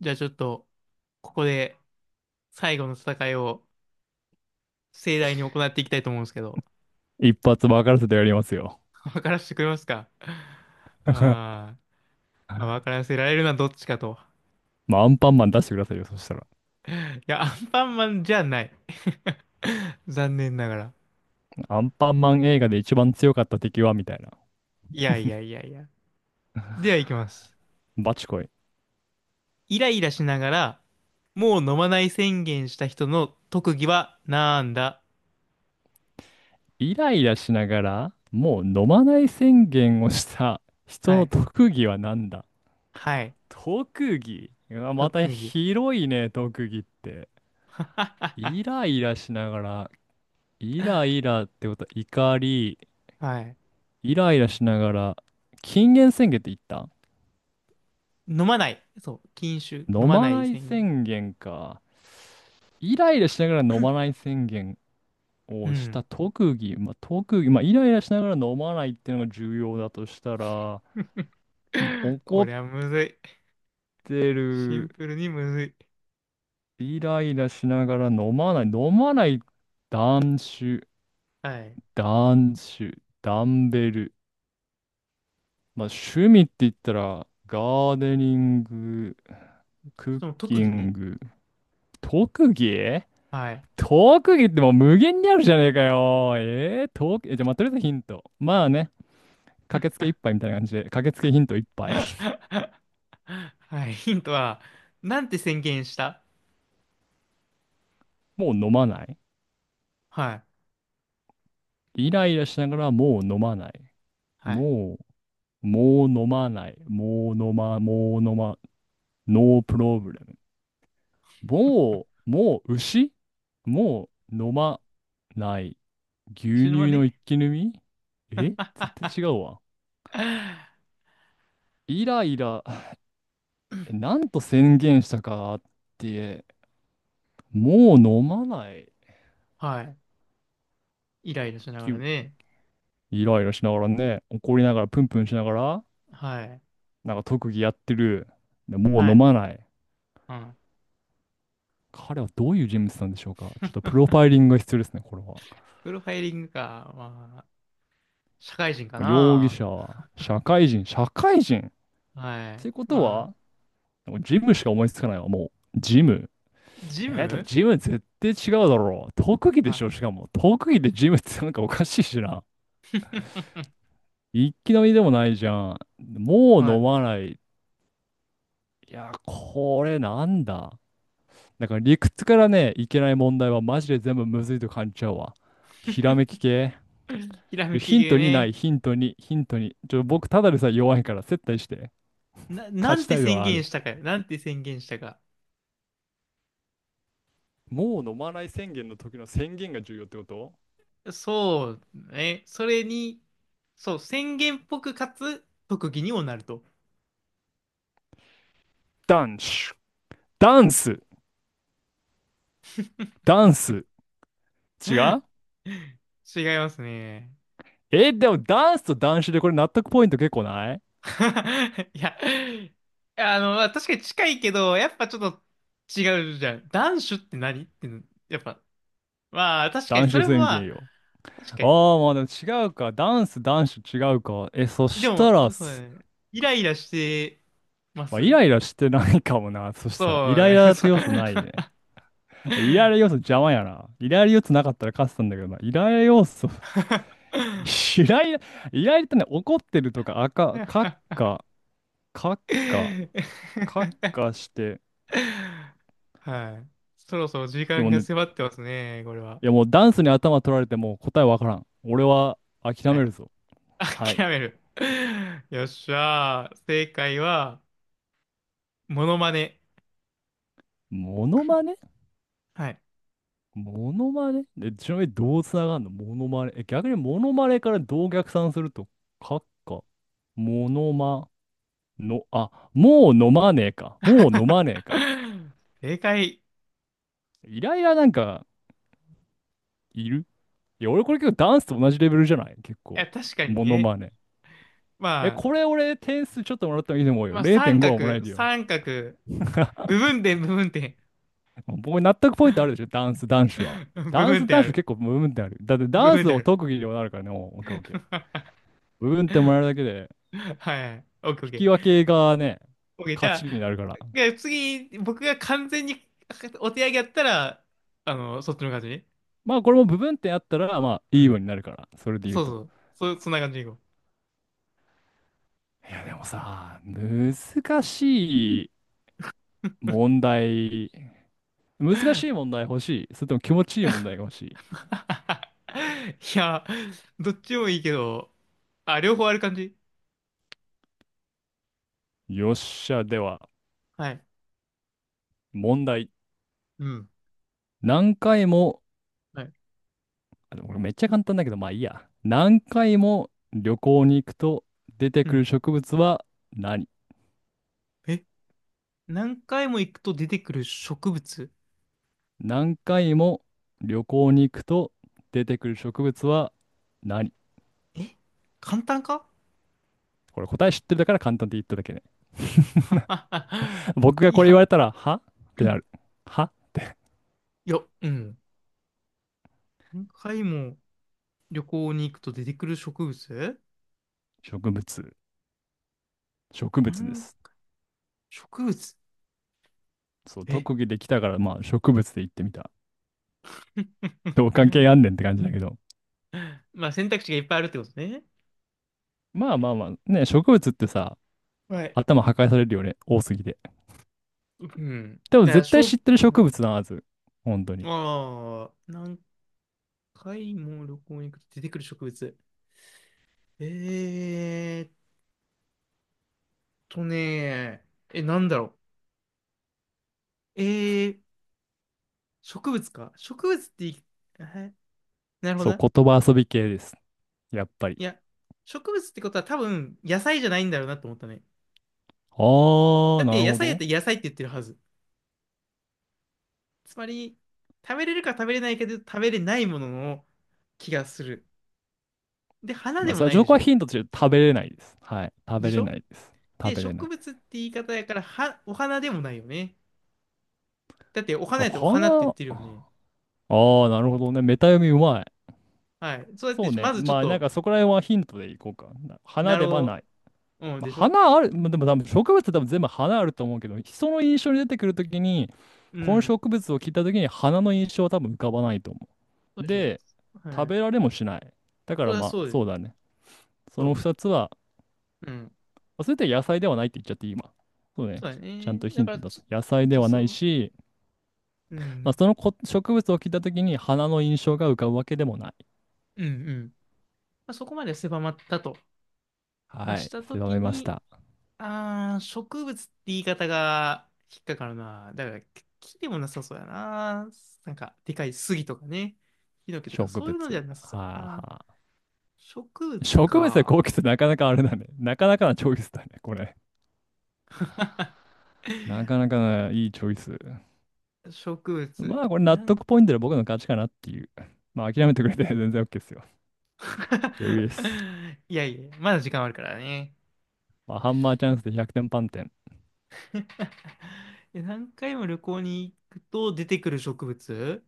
じゃあちょっと、ここで最後の戦いを盛大に行っていきたいと思うんですけど、一発分からせてやりますよ。分からせてくれますか？あ ー、まあ、分からせられるのはどっちかと。まあ、アンパンマン出してくださいよ、そしたら。いや、アンパンマンじゃない。残念ながら。アンパンマン映画で一番強かった敵はみたいな。いやいやいやいや。では行きます。バチコイ。イライラしながら、もう飲まない宣言した人の特技はなんだ？イライラしながら、もう飲まない宣言をした人はのい。特技は何だ。はい。特技、うわま特た技。広いね、特技って。イライラしながら、イライラってことは怒り、はい。イライラしながら、禁煙宣言って言った。飲まない。そう。禁酒。飲飲ままないない宣言。宣言か。イライラしながら飲まない宣言うをしん。た特技。まあ、特技。まあ、イライラしながら飲まないっていうのが重要だとしたら、もう 怒こっりゃむずい。てシンる、プルにむずい。イライラしながら飲まない。飲まない、断酒、はい。断酒、ダンベル。まあ、趣味って言ったら、ガーデニング、クッその特キ技ンね。グ、特技、はい。特技ってもう無限にあるじゃねえかよ。特技、え、じゃあ、まあ、とりあえずヒント。まあね、駆けつけ一杯みたいな感じで、駆けつけヒント一 杯。はい。ヒントは、なんて宣言した？ もう飲まない。はい。イライラしながらもう飲まない。はい。もう、もう飲まない。もう飲ま、もう飲ま、ノープロブレム。もう、もう牛、もう飲まない。牛後ろは乳のね。一気飲み、え絶対違うわ。イライラ、え、なんと宣言したかって、もう飲まないはい。イライラしなが気ら分。ね。イライラしながらね、怒りながらプンプンしながら、はい。なんか特技やってる。でもうは飲い。まない。うん。彼はどういう人物なんでしょうか、ちょっとプロファイリングが必要ですね、これは。プロファイリングか。まあ、社会人か容疑な。者は、社会人、社会人っはてい。いうことまあ、は、ジムしか思いつかないわ、もう。ジム。ジでもム。ジム絶対違うだろう。特技ではしょ、い。しかも。特技でジムってなんかおかしいしな。一気飲みでもないじゃん。もうは飲い。まない。いや、これなんだ。だから理屈からね、いけない問題はマジで全部むずいと感じちゃうわ。ひらめき系。ひらめきヒン系トにない、ね。ヒントに、ヒントに。ちょ、僕ただでさえ弱いから接待して。な勝んちてたいの宣はある。言したかよ。なんて宣言したか。もう飲まない宣言の時の宣言が重要ってこと。そうね。それに、そう、宣言っぽくかつ特技にもなると。ダンス、ダンス。ダンス。違 う。違いますね。え、でもダンスとダンシュでこれ納得ポイント結構ない。 いや、まあ確かに近いけど、やっぱちょっと違うじゃん。男子って何って、やっぱ、まあ確かダにンそシュれも宣ま言あ、よ。確かあに。あ、まあでも違うか。ダンス、ダンシュ違うか。え、そでしたも、ら、そうだね。イライラしてままあ、イす。ライラしてないかもな。そしたら、イそうライね。ラっそてう。 要素ないね。イライラ要素邪魔やな。イライラ要素なかったら勝ってたんだけどな。イライラ要素、イライラ、イライラってね、怒ってるとか、あか、かっ か、かっか、かっ かして、はい。そろそろい時や間もうがね、迫ってますね、これは。いやもうダンスに頭取られてもう答えわからん。俺は諦はめい。るぞ。は い。諦める。よっしゃー。正解は、モノマネ。モノマネ、はい。モノマネで、ちなみにどうつながんのモノマネ。え、逆にモノマネからどう逆算すると、かっか、モノマ、の、あ、もう飲まねえか。もう飲まねえか。正解。いイライラなんかいる、いや、俺これ結構ダンスと同じレベルじゃない結構。や、確かにモノね。マネ。え、まあ、これ俺点数ちょっともらった方がいいと思うよ。まあ、三0.5はもらえ角、るよ。三角、部分点、部分点。僕納得ポイントあるでしょ、ダンス男子は。部ダン分ス点あ男子る。結構部分点ある。だって部ダン分ス点あをる。特技でもなるからね。もうオッケーオッケー。部分点もらえるだ けで、はい。オッケーオッ引ケき分ー。けがね、OK、じ勝ゃちにあ、なるから。で次、僕が完全にお手上げやったら、そっちの感じね。まあこれも部分点あったら、まあういいようん。になるから。それで言うそうと。そう。そんな感じでいこう。いやでもさ、難しい。問題、難しい 問題欲しい。それとも気持ちいい問題が欲しいや、どっちもいいけど、あ、両方ある感じ。い。よっしゃ、では、はい。問題。うん。何回も、はい。あでもこれめっちゃ簡単だけど、まあいいや。何回も旅行に行くと出てうくん。る植物は何？え、何回も行くと出てくる植物？何回も旅行に行くと出てくる植物は何？え、簡単か？ これ答え知ってるだから簡単って言っただけね。僕がいこれ言わや、れたら、はってなる。は、いや、うん。何回も旅行に行くと出てくる植物？植物。植物です。何？植物？そう、え？ 特技できたから、まあ植物で言ってみた。どう関係あんねんって感じだけど。まあ選択肢がいっぱいあるってことね。まあまあまあ、ね、植物ってさ、はい。頭破壊されるよね、多すぎて。うん。でもだから、絶し対ょ知ってるう植ん、物なはず。本当に。ああ、何回も旅行に行くと出てくる植物。えーっとね、え、なんだろう。植物か。植物ってい、えなるほそう、どな。言葉遊び系です。やっぱり。いや、植物ってことは多分野菜じゃないんだろうなと思ったね。あー、だっなてる野ほ菜やっど。たら野菜って言ってるはず。つまり、食べれるか食べれないけど食べれないものの気がする。で、花まであ、もそれはない情でし報はょ？ヒントとして食べれないです。はい。食でべしれょ？ないです。食で、べれな植い。物って言い方やから、お花でもないよね。だって、お花やったらお花って言っ花、てるあよね。ー、なるほどね。メタ読みうまい。はい。そうやっそて、うね。まずちょっまあ、なんと、かそこら辺はヒントでいこうか。花なではなろい。う、うん、まあ、でしょ？花ある、まあ、でも多分植物って多分全部花あると思うけど、人の印象に出てくるときに、うこのん。植物を聞いたときに花の印象は多分浮かばないと思そうう。でしょ？で、は食べらい。れもしない。だかそれらはまそあ、うでそしうょ？だね。そのそ2つは、う。うん。まあそれって野菜ではないって言っちゃっていい今。そうそね。うだちゃんね。とヒだンかトら、出ちょす。っ野菜でとはそないう。し、うまあ、ん。そのこ植物を聞いたときに花の印象が浮かぶわけでもない。うん、うん。まあ、そこまで狭まったと。まあ、はしい。たと狭きめましに、た。あー、植物って言い方が引っかかるな。だから、木でもなさそうやな。なんか、でかい杉とかね。ヒノキと植か、そう物。いうのじゃなさそうはやあな。は植あ。物植物でか。高気質なかなかあれだね。なかなかなチョイスだね、これ。なかなかね、いいチョイス。植ま物。あ、これ納なん得か。 ポイントで僕の勝ちかなっていう。まあ、諦めてくれて全然 OK ですよ。余裕です。いやいや、まだ時間あるからね。まあ、ハンマーチャンスで100点満点。え、何回も旅行に行くと出てくる植物、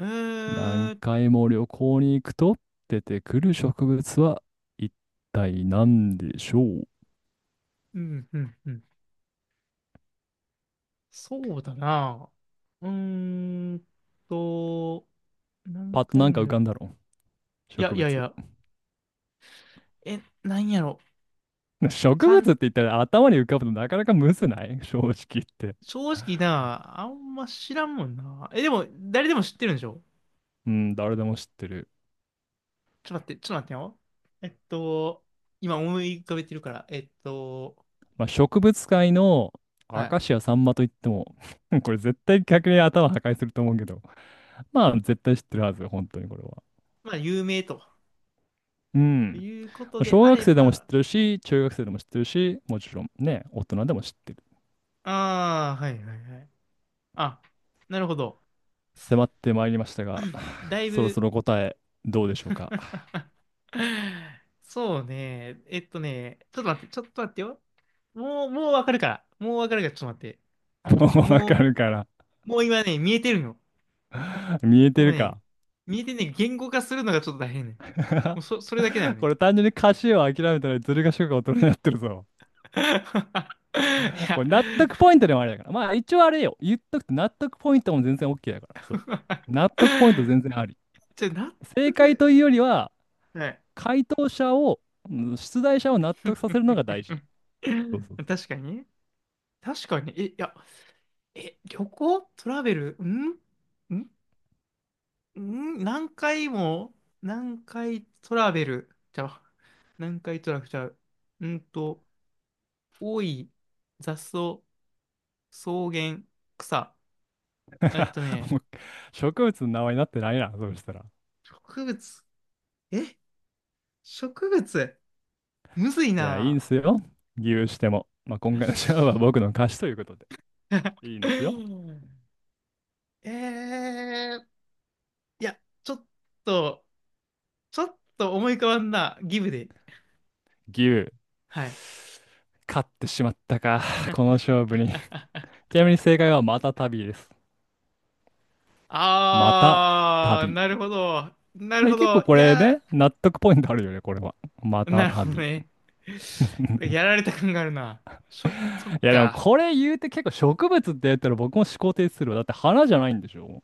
え何ー、回も旅行に行くと出てくる植物は一体何でしょう？うん、うん、うん。そうだな。うーんと、何パッとな回んかも浮旅、かんだろういや植いやい物。や、え、なんやろ。植か物ん、って言ったら頭に浮かぶとなかなかむずない、正直言って。正直な、あんま知らんもんな。え、でも、誰でも知ってるんでしょ？うん、誰でも知ってる。ちょっと待って、ちょっと待ってよ。えっと、今思い浮かべてるから、まあ、植物界のはアい。カシアサンマといっても これ絶対逆に頭破壊すると思うけど、まあ、絶対知ってるはず、本当にこれは。まあ、有名とうん。いうことで小あ学れ生でも知っば、てるし、中学生でも知ってるし、もちろんね、大人でも知ってる。ああ、はいはいはい。あ、なるほど。迫ってまいりましたが、だ いそろぶ、そろ答え、どうでしょうか。そうね。ちょっと待って、ちょっと待ってよ。もうわかるから。もうわかるから、ちょっと待って。もうわかもるから。うもう今ね、見えてるの。見えてもうるね、か。見えてんねんけど言語化するのがちょっと大変ねん。も うそ、それだけだよね。これ単純に歌詞を諦めたらずる賢く大人になってるぞ。いや、これ納得ポイントでもあれだから。まあ一応あれよ。言っとくと納得ポイントも全然 OK だから。そう。納得ポイント全然あり。納正解得。というよりは、はい。回答者を、うん、出題者を納得させるのが大事。そうそう確かにね。確かに。え、いや、え、旅行トラベルんんん何回も、何回トラベルじゃう何回トラベルちゃう。うんと、多い、雑草、草原、草。そう。えっと ね、もう植物の名前になってないな、そうしたら。植物。え、植物。むずいいや、いいんな。すよ。牛しても。まあ、今回のシャアは僕 の貸しということで。いいんですよ。えー、いや、と、ちょっと思い浮かばんな。ギブで。牛。はい。勝ってしまったか、この勝負に。ちなみに正解はまた旅です。またあー、旅。なるほど。なるで、ほ結ど。構こいれやね、納得ポイントあるよね、これは。まー、たなるほど旅。いね。やられた感があるな。しょ、そっや、でもか。これ言うて結構植物って言ったら僕も思考停止するわ。だって花じゃないんでしょ？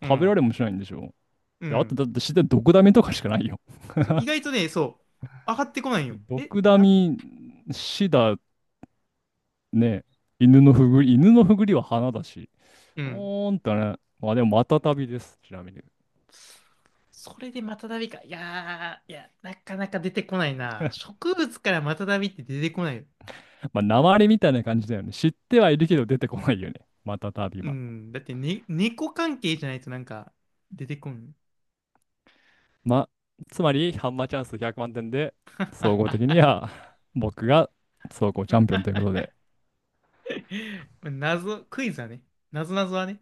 う食べらん。れもしないんでしょ？うで、あとん。だって自然毒ダミとかしかないよ。そう意外とね、そう。上がってこないよ。え、毒ダな、ミ、死だね。犬のふぐり、犬のふぐりは花だし。うん。おーんとね。まあでも、またたびです。ちなみに。それでマタダビか。いやー、いや、なかなか出てこないな。植物からマタダビって出てこないよ。まあ、訛りみたいな感じだよね。知ってはいるけど出てこないよね、またたびうは。ん。だって、ね、猫関係じゃないとなんか出てこん。まあ、つまり、ハンマーチャンス100万点で、総合的に は僕が総合チャンピオンということで。謎、クイズはね。謎謎はね。